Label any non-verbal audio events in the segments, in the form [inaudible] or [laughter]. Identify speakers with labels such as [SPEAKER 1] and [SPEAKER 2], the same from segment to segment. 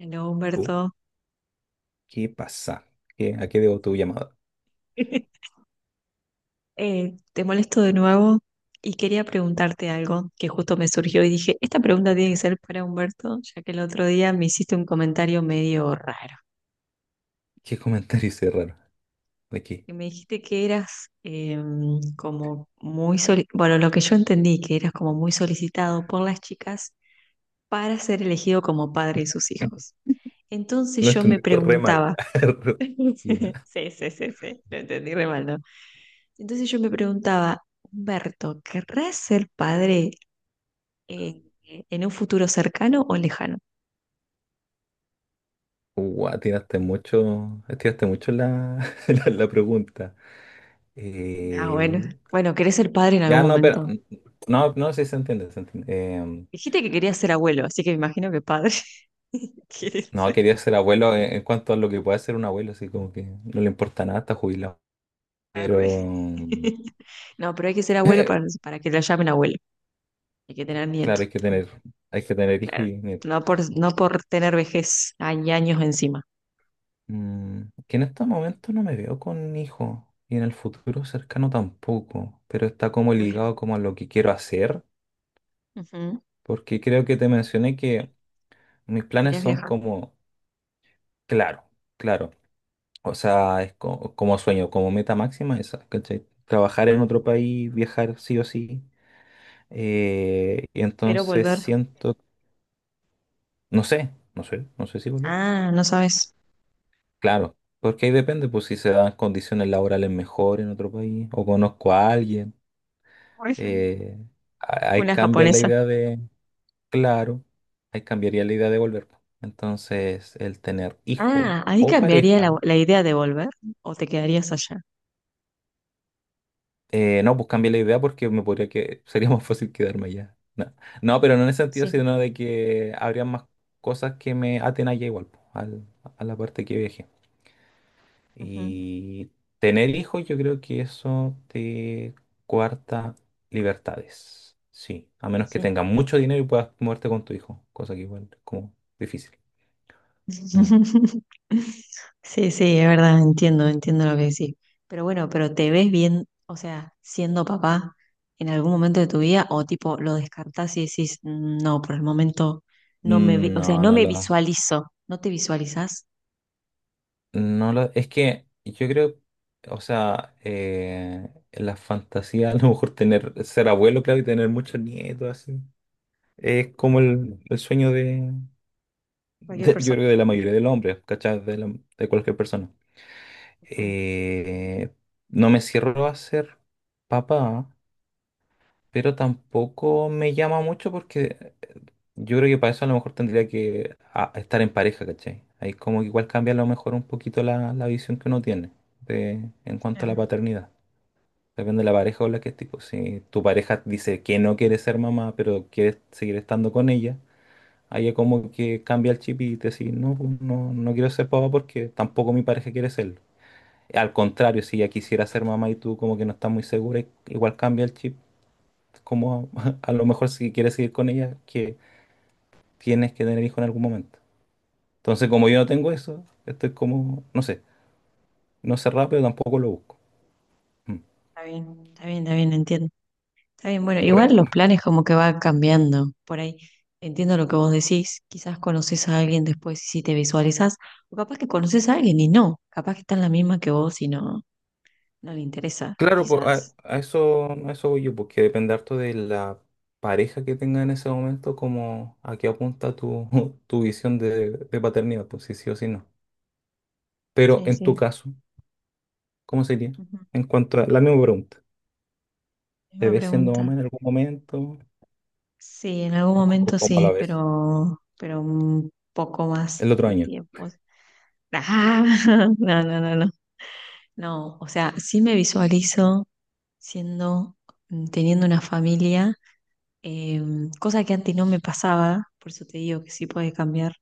[SPEAKER 1] Hola
[SPEAKER 2] ¿Tú?
[SPEAKER 1] Humberto,
[SPEAKER 2] ¿Qué pasa? ¿A qué debo tu llamada?
[SPEAKER 1] [laughs] Te molesto de nuevo y quería preguntarte algo que justo me surgió y dije, esta pregunta tiene que ser para Humberto, ya que el otro día me hiciste un comentario medio raro.
[SPEAKER 2] [laughs] ¿Qué comentario hice raro? ¿De qué?
[SPEAKER 1] Que me dijiste que eras como muy, bueno, lo que yo entendí, que eras como muy solicitado por las chicas para ser elegido como padre de sus hijos. Entonces
[SPEAKER 2] Lo
[SPEAKER 1] yo me
[SPEAKER 2] entendiste re mal.
[SPEAKER 1] preguntaba,
[SPEAKER 2] [laughs]
[SPEAKER 1] [laughs]
[SPEAKER 2] Ya.
[SPEAKER 1] sí, sí, sí, sí, lo entendí re mal, ¿no? Entonces yo me preguntaba, Humberto, ¿querrás ser padre en, en un futuro cercano o lejano?
[SPEAKER 2] Guau, tiraste mucho la, [laughs] la pregunta.
[SPEAKER 1] Ah, bueno.
[SPEAKER 2] Eh,
[SPEAKER 1] Bueno, querés ser padre en algún
[SPEAKER 2] ya no, pero
[SPEAKER 1] momento.
[SPEAKER 2] no, no sé si se entiende, se entiende. Eh,
[SPEAKER 1] Dijiste que querías ser abuelo, así que me imagino que padre [laughs] quieres
[SPEAKER 2] no,
[SPEAKER 1] ser.
[SPEAKER 2] quería ser abuelo en cuanto a lo que puede ser un abuelo, así como que no le importa nada, está jubilado.
[SPEAKER 1] Arre.
[SPEAKER 2] Pero
[SPEAKER 1] [laughs]
[SPEAKER 2] [clears throat]
[SPEAKER 1] No, pero hay que ser abuelo para,
[SPEAKER 2] [laughs]
[SPEAKER 1] para que lo llamen abuelo. Hay que tener nieto.
[SPEAKER 2] claro, hay que tener hijos
[SPEAKER 1] Claro.
[SPEAKER 2] y nietos.
[SPEAKER 1] No por tener vejez, hay años encima.
[SPEAKER 2] Que en estos momentos no me veo con hijos y en el futuro cercano tampoco, pero está como
[SPEAKER 1] Bueno.
[SPEAKER 2] ligado como a lo que quiero hacer,
[SPEAKER 1] Ujú.
[SPEAKER 2] porque creo que te mencioné que mis planes
[SPEAKER 1] Querías
[SPEAKER 2] son
[SPEAKER 1] viajar,
[SPEAKER 2] como, claro, claro, o sea, es como, sueño, como meta máxima esa, ¿cachai? Trabajar en otro país, viajar sí o sí, y
[SPEAKER 1] pero
[SPEAKER 2] entonces
[SPEAKER 1] volver.
[SPEAKER 2] siento, no sé, no sé, no sé si volver.
[SPEAKER 1] Ah, no sabes.
[SPEAKER 2] Claro, porque ahí depende, pues si se dan condiciones laborales mejor en otro país o conozco a alguien.
[SPEAKER 1] Bueno.
[SPEAKER 2] eh, ahí
[SPEAKER 1] Una
[SPEAKER 2] cambia la
[SPEAKER 1] japonesa.
[SPEAKER 2] idea de, claro, ahí cambiaría la idea de volver. Entonces, el tener hijo
[SPEAKER 1] Ah, ahí
[SPEAKER 2] o
[SPEAKER 1] cambiaría la,
[SPEAKER 2] pareja,
[SPEAKER 1] la idea de volver, o te quedarías allá.
[SPEAKER 2] no, pues cambia la idea porque me podría que [laughs] sería más fácil quedarme allá. No, no, pero no en el sentido,
[SPEAKER 1] Sí,
[SPEAKER 2] sino de que habría más cosas que me aten allá igual, po, a la parte que viaje.
[SPEAKER 1] ujú,
[SPEAKER 2] Y tener hijos, yo creo que eso te cuarta libertades. Sí, a menos que
[SPEAKER 1] sí.
[SPEAKER 2] tengas mucho dinero y puedas moverte con tu hijo, cosa que igual es como difícil. Mm.
[SPEAKER 1] [laughs] Sí, sí, es verdad, entiendo, entiendo lo que decís. Pero bueno, pero te ves bien, o sea, siendo papá en algún momento de tu vida, o tipo lo descartás y decís, "Mm, no, por el momento no me, o sea,
[SPEAKER 2] No,
[SPEAKER 1] no me visualizo, no te visualizás".
[SPEAKER 2] es que yo creo, o sea, la fantasía [laughs] a lo mejor tener, ser abuelo, claro, y tener muchos nietos, así, es como el sueño de,
[SPEAKER 1] Cualquier
[SPEAKER 2] de- yo
[SPEAKER 1] persona.
[SPEAKER 2] creo, que de la mayoría de los hombres, ¿cachai? De, de cualquier persona.
[SPEAKER 1] Ujú.
[SPEAKER 2] Eh, no me cierro a ser papá, pero tampoco me llama mucho porque yo creo que para eso a lo mejor tendría que estar en pareja, ¿cachai? Ahí como que igual cambia a lo mejor un poquito la visión que uno tiene de, en cuanto a
[SPEAKER 1] Claro.
[SPEAKER 2] la paternidad. Depende de la pareja con la que estés, pues. Si tu pareja dice que no quiere ser mamá, pero quieres seguir estando con ella, ahí es como que cambia el chip y te dice no, pues, no, no quiero ser papá porque tampoco mi pareja quiere serlo. Al contrario, si ella quisiera ser mamá y tú como que no estás muy segura, igual cambia el chip. Como [laughs] a, lo mejor si quieres seguir con ella, que tienes que tener hijo en algún momento. Entonces, como yo no tengo eso, estoy como, no sé, no sé rápido tampoco lo busco. Mm.
[SPEAKER 1] Está bien, está bien, está bien, entiendo. Está bien, bueno, igual
[SPEAKER 2] Re-
[SPEAKER 1] los planes como que va cambiando por ahí. Entiendo lo que vos decís, quizás conoces a alguien después y si te visualizás, o capaz que conoces a alguien y no, capaz que está en la misma que vos y no, no le interesa,
[SPEAKER 2] claro, po, a,
[SPEAKER 1] quizás.
[SPEAKER 2] a eso, a eso voy yo, porque depende harto de la pareja que tenga en ese momento, como a qué apunta [laughs] tu visión de paternidad, pues si sí o si no. Pero
[SPEAKER 1] Sí,
[SPEAKER 2] en tu
[SPEAKER 1] sí.
[SPEAKER 2] caso, ¿cómo sería?
[SPEAKER 1] Ujú,
[SPEAKER 2] En cuanto a la misma pregunta. ¿Te
[SPEAKER 1] misma
[SPEAKER 2] ves siendo mamá
[SPEAKER 1] pregunta.
[SPEAKER 2] en algún momento?
[SPEAKER 1] Sí, en algún
[SPEAKER 2] ¿O co- co-
[SPEAKER 1] momento
[SPEAKER 2] ¿Cómo la
[SPEAKER 1] sí,
[SPEAKER 2] ves?
[SPEAKER 1] pero un poco más
[SPEAKER 2] El otro
[SPEAKER 1] de
[SPEAKER 2] año.
[SPEAKER 1] tiempo. Ah, [laughs] no, no, no, no. No, o sea, sí me visualizo siendo, teniendo una familia, cosa que antes no me pasaba, por eso te digo que sí puede cambiar,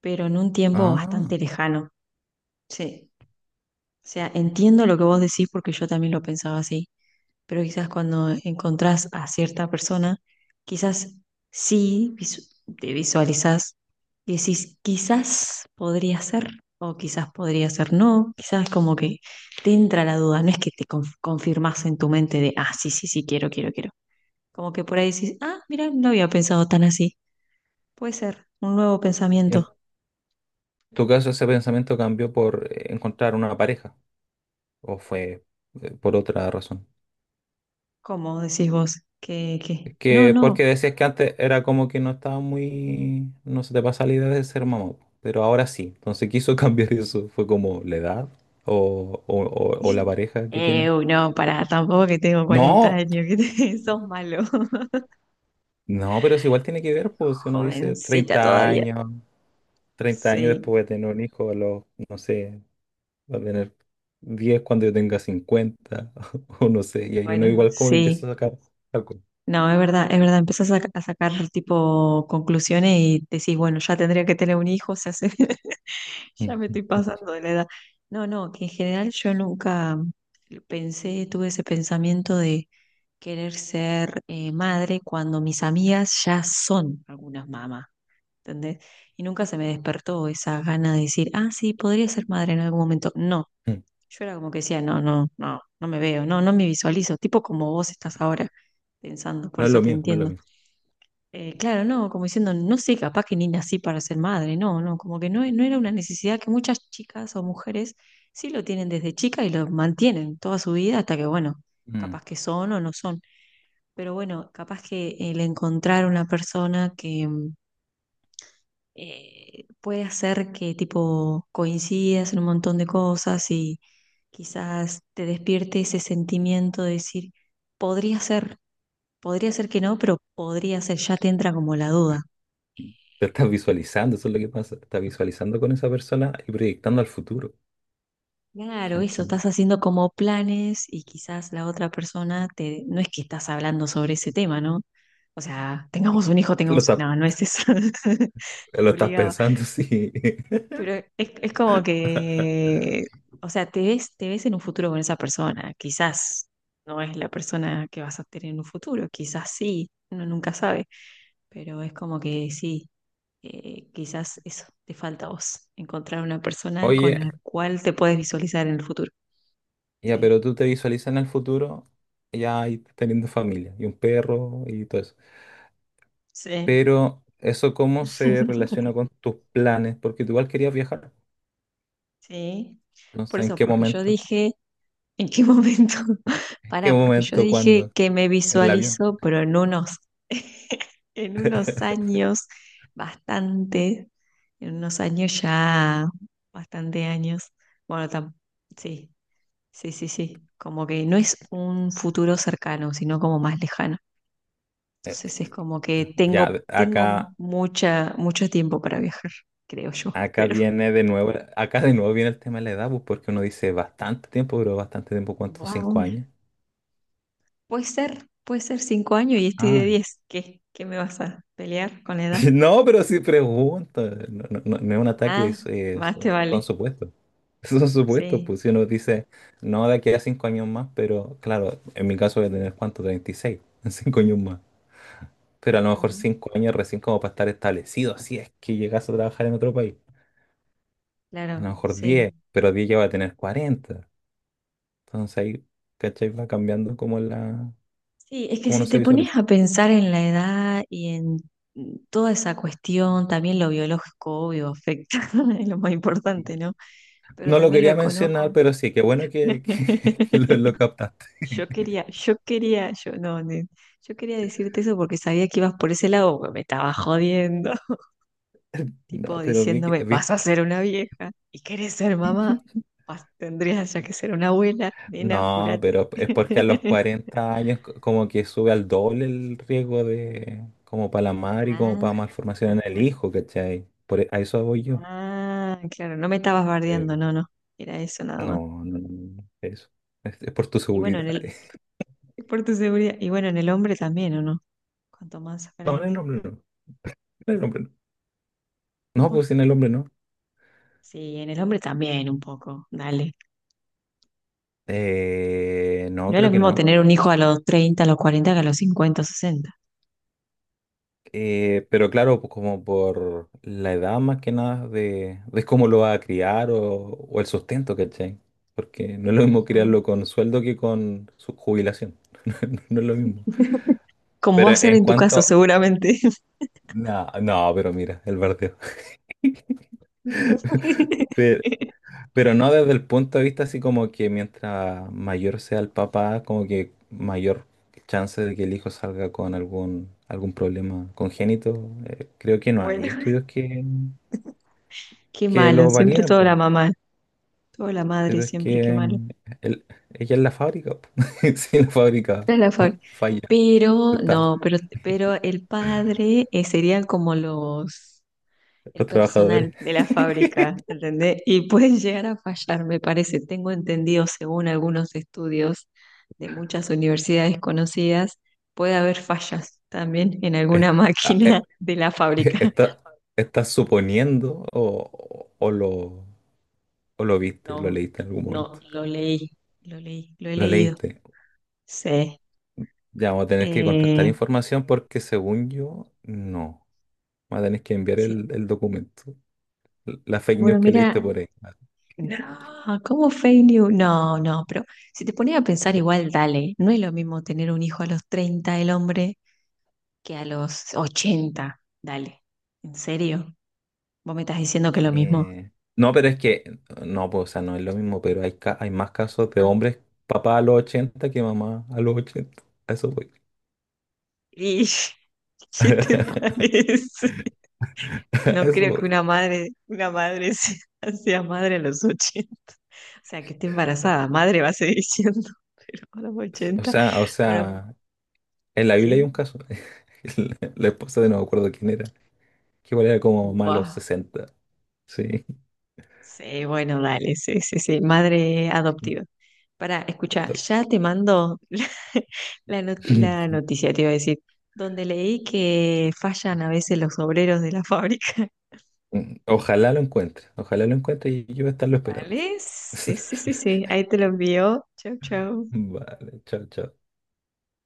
[SPEAKER 1] pero en un tiempo
[SPEAKER 2] Ah,
[SPEAKER 1] bastante lejano. Sí. O sea, entiendo lo que vos decís porque yo también lo pensaba así, pero quizás cuando encontrás a cierta persona, quizás sí visu- te visualizás y decís, quizás podría ser, o quizás podría ser no, quizás como que te entra la duda, no es que te confirmás en tu mente de, ah, sí, sí, sí, quiero, quiero, quiero. Como que por ahí decís, ah, mira, no había pensado tan así. Puede ser un nuevo pensamiento.
[SPEAKER 2] en tu caso ese pensamiento cambió por encontrar una pareja o fue por otra razón.
[SPEAKER 1] ¿Cómo decís vos?
[SPEAKER 2] Es
[SPEAKER 1] No,
[SPEAKER 2] que
[SPEAKER 1] no.
[SPEAKER 2] porque decías que antes era como que no estaba muy, no se te pasa la idea de ser mamá, pero ahora sí. Entonces quiso [laughs] cambiar eso. ¿Fue como la edad o, o la pareja que tiene?
[SPEAKER 1] Uy, no, pará, tampoco que tengo 40
[SPEAKER 2] No,
[SPEAKER 1] años, que [laughs] sos malo. [laughs]
[SPEAKER 2] no, pero si igual tiene que ver, pues si uno dice
[SPEAKER 1] Jovencita
[SPEAKER 2] 30
[SPEAKER 1] todavía.
[SPEAKER 2] años, 30 años
[SPEAKER 1] Sí,
[SPEAKER 2] después de tener un hijo, a los, no sé, va a tener 10 cuando yo tenga 50 [laughs] o no sé, y ahí uno
[SPEAKER 1] bueno,
[SPEAKER 2] igual como que empieza
[SPEAKER 1] sí.
[SPEAKER 2] a sacar algo. [laughs]
[SPEAKER 1] No, es verdad, es verdad. Empezás a sacar tipo conclusiones y decís, bueno, ya tendría que tener un hijo, se hace. [laughs] Ya
[SPEAKER 2] Mm,
[SPEAKER 1] me estoy
[SPEAKER 2] mm,
[SPEAKER 1] pasando de la edad. No, no, que en general yo nunca pensé, tuve ese pensamiento de querer ser madre, cuando mis amigas ya son algunas mamás, ¿entendés? Y nunca se me despertó esa gana de decir, ah, sí, podría ser madre en algún momento. No,
[SPEAKER 2] mm, mm.
[SPEAKER 1] yo era como que decía, no, no, no, no me veo, no, no me visualizo, tipo como vos estás ahora pensando, por
[SPEAKER 2] No es
[SPEAKER 1] eso
[SPEAKER 2] lo
[SPEAKER 1] te
[SPEAKER 2] mío, no es lo
[SPEAKER 1] entiendo.
[SPEAKER 2] mío.
[SPEAKER 1] Claro, no, como diciendo, no sé, capaz que ni nací para ser madre, no, no, como que no, no era una necesidad que muchas chicas o mujeres sí lo tienen desde chica y lo mantienen toda su vida hasta que, bueno,
[SPEAKER 2] Mm.
[SPEAKER 1] capaz que son o no son. Pero bueno, capaz que el encontrar una persona que puede hacer que tipo coincidas en un montón de cosas y quizás te despierte ese sentimiento de decir, podría ser, podría ser que no, pero podría ser, ya te entra como la duda.
[SPEAKER 2] Te estás visualizando, eso es lo que pasa, te estás visualizando con esa persona y proyectando al futuro.
[SPEAKER 1] Claro,
[SPEAKER 2] Chan,
[SPEAKER 1] eso,
[SPEAKER 2] chan.
[SPEAKER 1] estás haciendo como planes y quizás la otra persona te, no es que estás hablando sobre ese tema, ¿no? O sea, tengamos un hijo,
[SPEAKER 2] Lo
[SPEAKER 1] tengamos,
[SPEAKER 2] estás,
[SPEAKER 1] no, no es eso, [laughs] te
[SPEAKER 2] lo estás
[SPEAKER 1] obligaba.
[SPEAKER 2] pensando, [laughs] sí.
[SPEAKER 1] Pero es como que, o sea, te ves en un futuro con esa persona, quizás no es la persona que vas a tener en un futuro, quizás sí, uno nunca sabe, pero es como que sí, quizás eso, te falta a vos, encontrar una persona con
[SPEAKER 2] Oye,
[SPEAKER 1] la cual te puedes visualizar en el futuro.
[SPEAKER 2] ya,
[SPEAKER 1] Sí.
[SPEAKER 2] pero tú te visualizas en el futuro, ya ahí teniendo familia y un perro y todo eso.
[SPEAKER 1] Sí.
[SPEAKER 2] Pero eso cómo se relaciona
[SPEAKER 1] [laughs]
[SPEAKER 2] con tus planes, porque tú igual querías viajar,
[SPEAKER 1] Sí.
[SPEAKER 2] no
[SPEAKER 1] Por
[SPEAKER 2] sé en
[SPEAKER 1] eso,
[SPEAKER 2] qué
[SPEAKER 1] porque yo
[SPEAKER 2] momento.
[SPEAKER 1] dije, ¿en qué momento? [laughs]
[SPEAKER 2] ¿Qué
[SPEAKER 1] Pará, porque yo
[SPEAKER 2] momento?
[SPEAKER 1] dije
[SPEAKER 2] ¿Cuándo?
[SPEAKER 1] que me
[SPEAKER 2] En el avión.
[SPEAKER 1] visualizo, pero en unos
[SPEAKER 2] [laughs]
[SPEAKER 1] años, bastante, en unos años ya, bastante años. Bueno, sí, sí, sí, sí. Como que no es un futuro cercano, sino como más lejano.
[SPEAKER 2] Eh,
[SPEAKER 1] Entonces es
[SPEAKER 2] eh,
[SPEAKER 1] como que
[SPEAKER 2] Ya,
[SPEAKER 1] tengo, tengo
[SPEAKER 2] acá,
[SPEAKER 1] mucha, mucho tiempo para viajar, creo yo, [laughs]
[SPEAKER 2] acá
[SPEAKER 1] espero.
[SPEAKER 2] viene de nuevo, acá de nuevo viene el tema de la edad, pues, porque uno dice bastante tiempo, pero bastante tiempo, ¿cuánto? ¿Cinco
[SPEAKER 1] Wow.
[SPEAKER 2] años?
[SPEAKER 1] Puede ser 5 años y estoy
[SPEAKER 2] Ah,
[SPEAKER 1] de 10. ¿Qué? ¿Qué me vas a pelear con la edad?
[SPEAKER 2] [laughs] no, pero si pregunto, no, no es un ataque,
[SPEAKER 1] Ah,
[SPEAKER 2] es,
[SPEAKER 1] más
[SPEAKER 2] son
[SPEAKER 1] te
[SPEAKER 2] son
[SPEAKER 1] vale.
[SPEAKER 2] supuestos. [laughs] Son supuestos,
[SPEAKER 1] Sí.
[SPEAKER 2] pues si uno dice, no, de aquí a 5 años más, pero claro, en mi caso voy a tener cuánto, 36, [laughs] en 5 años más. Pero a lo mejor
[SPEAKER 1] Ujú.
[SPEAKER 2] 5 años recién como para estar establecido, si es que llegas a trabajar en otro país. A
[SPEAKER 1] Claro,
[SPEAKER 2] lo mejor
[SPEAKER 1] sí.
[SPEAKER 2] 10, pero 10 ya va a tener 40. Entonces ahí, ¿cachai? Va cambiando como
[SPEAKER 1] Sí, es que
[SPEAKER 2] cómo no
[SPEAKER 1] si
[SPEAKER 2] se
[SPEAKER 1] te pones
[SPEAKER 2] visualiza.
[SPEAKER 1] a pensar en la edad y en toda esa cuestión, también lo biológico, obvio, afecta, [laughs] es lo más importante, ¿no? Pero
[SPEAKER 2] No lo
[SPEAKER 1] también lo
[SPEAKER 2] quería mencionar,
[SPEAKER 1] económico.
[SPEAKER 2] pero sí, qué bueno que, [laughs] que lo
[SPEAKER 1] [laughs]
[SPEAKER 2] captaste.
[SPEAKER 1] Yo quería, yo quería, yo no, yo quería decirte eso porque sabía que ibas por ese lado, pero me estaba jodiendo,
[SPEAKER 2] No,
[SPEAKER 1] tipo
[SPEAKER 2] pero
[SPEAKER 1] diciéndome, vas a ser una vieja y querés ser mamá,
[SPEAKER 2] [laughs]
[SPEAKER 1] tendrías ya que ser una abuela, nena,
[SPEAKER 2] no,
[SPEAKER 1] apurate.
[SPEAKER 2] pero es porque a los
[SPEAKER 1] [laughs]
[SPEAKER 2] 40 años como que sube al doble el riesgo de como para la madre y como para
[SPEAKER 1] Ah,
[SPEAKER 2] malformación en el
[SPEAKER 1] ajá.
[SPEAKER 2] hijo, ¿cachai? Por, a eso voy yo.
[SPEAKER 1] Ah, claro, no me estabas bardeando,
[SPEAKER 2] Eh,
[SPEAKER 1] no, no, era eso nada más.
[SPEAKER 2] no, no, no, no, eso. Es por tu
[SPEAKER 1] Y bueno,
[SPEAKER 2] seguridad.
[SPEAKER 1] en el,
[SPEAKER 2] [laughs]
[SPEAKER 1] [laughs] por tu seguridad, y bueno, en el hombre también, ¿o no? Cuanto más
[SPEAKER 2] No, en el
[SPEAKER 1] grande.
[SPEAKER 2] hombre no. En el hombre no. No,
[SPEAKER 1] Bueno,
[SPEAKER 2] pues en el hombre no.
[SPEAKER 1] sí, en el hombre también un poco, dale.
[SPEAKER 2] No,
[SPEAKER 1] No es lo
[SPEAKER 2] creo que
[SPEAKER 1] mismo
[SPEAKER 2] no.
[SPEAKER 1] tener un hijo a los 30, a los 40, que a los 50, 60.
[SPEAKER 2] Pero claro, pues como por la edad más que nada de, de cómo lo va a criar o el sustento, ¿cachai? Porque no es lo mismo
[SPEAKER 1] Ujú.
[SPEAKER 2] criarlo con sueldo que con su jubilación. [laughs] No, no es lo mismo.
[SPEAKER 1] Como va
[SPEAKER 2] Pero
[SPEAKER 1] a ser
[SPEAKER 2] en
[SPEAKER 1] en tu caso,
[SPEAKER 2] cuanto...
[SPEAKER 1] seguramente.
[SPEAKER 2] No, no, pero mira, el bardeo. [laughs] Pe-
[SPEAKER 1] [laughs]
[SPEAKER 2] Pero no desde el punto de vista así como que mientras mayor sea el papá, como que mayor chance de que el hijo salga con algún, algún problema congénito. Creo que no
[SPEAKER 1] Bueno,
[SPEAKER 2] hay
[SPEAKER 1] [laughs]
[SPEAKER 2] estudios
[SPEAKER 1] qué
[SPEAKER 2] que
[SPEAKER 1] malo,
[SPEAKER 2] lo
[SPEAKER 1] siempre
[SPEAKER 2] validen,
[SPEAKER 1] toda la
[SPEAKER 2] po.
[SPEAKER 1] mamá, toda la madre,
[SPEAKER 2] Pero es que
[SPEAKER 1] siempre qué malo.
[SPEAKER 2] el- ella es la fábrica, po. [laughs] Si la fábrica
[SPEAKER 1] No es la fac.
[SPEAKER 2] falla,
[SPEAKER 1] Pero,
[SPEAKER 2] está,
[SPEAKER 1] no, pero el padre, sería como los, el
[SPEAKER 2] los
[SPEAKER 1] personal
[SPEAKER 2] trabajadores
[SPEAKER 1] de la fábrica, ¿entendés? Y puede llegar a fallar, me parece. Tengo entendido, según algunos estudios de muchas universidades conocidas, puede haber fallas también en
[SPEAKER 2] est-
[SPEAKER 1] alguna [laughs]
[SPEAKER 2] ah,
[SPEAKER 1] máquina
[SPEAKER 2] eh,
[SPEAKER 1] de la
[SPEAKER 2] eh,
[SPEAKER 1] fábrica.
[SPEAKER 2] está, está suponiendo o lo viste, lo
[SPEAKER 1] No,
[SPEAKER 2] leíste en algún
[SPEAKER 1] no,
[SPEAKER 2] momento.
[SPEAKER 1] lo leí, lo leí, lo he
[SPEAKER 2] Lo
[SPEAKER 1] leído.
[SPEAKER 2] leíste.
[SPEAKER 1] Sí.
[SPEAKER 2] Ya vamos a tener que contrastar
[SPEAKER 1] Eh,
[SPEAKER 2] información porque según yo, no. Vamos a tener que enviar
[SPEAKER 1] sí.
[SPEAKER 2] el documento. La fake news
[SPEAKER 1] Bueno,
[SPEAKER 2] que
[SPEAKER 1] mira,
[SPEAKER 2] leíste por ahí. Vale.
[SPEAKER 1] no, ¿cómo fail you? No, no, pero si te pones a pensar igual, dale, no es lo mismo tener un hijo a los 30 el hombre, que a los 80, dale, ¿en serio? ¿Vos me estás diciendo que es lo mismo?
[SPEAKER 2] Eh, no, pero es que, no, pues, o sea, no es lo mismo, pero hay, hay más casos de
[SPEAKER 1] Ajá.
[SPEAKER 2] hombres papá a los 80 que mamá a los 80. A eso voy.
[SPEAKER 1] ¿Y [laughs] qué te
[SPEAKER 2] [laughs]
[SPEAKER 1] parece?
[SPEAKER 2] A
[SPEAKER 1] No
[SPEAKER 2] eso
[SPEAKER 1] creo que
[SPEAKER 2] voy.
[SPEAKER 1] una madre [laughs] sea, sea madre a los 80, o sea, que esté embarazada, madre va a seguir diciendo, [laughs] pero a los 80,
[SPEAKER 2] O
[SPEAKER 1] bueno,
[SPEAKER 2] sea, en la Biblia hay
[SPEAKER 1] ¿qué?
[SPEAKER 2] un caso. [laughs] La esposa de no me acuerdo quién era, que igual era como mamá a los
[SPEAKER 1] Buah.
[SPEAKER 2] 60. Sí.
[SPEAKER 1] Sí, bueno, dale, sí, sí, sí, madre adoptiva. Para, escucha, ya te mando [laughs] la
[SPEAKER 2] [laughs]
[SPEAKER 1] noticia, te iba a decir, donde leí que fallan a veces los obreros de la fábrica. [laughs]
[SPEAKER 2] Ojalá lo encuentre, ojalá lo encuentre y yo voy a estarlo esperando.
[SPEAKER 1] ¿Vale? Sí, sí, sí, sí,
[SPEAKER 2] [laughs]
[SPEAKER 1] ahí te lo envío. Chau, chau.
[SPEAKER 2] Vale, chao, chao.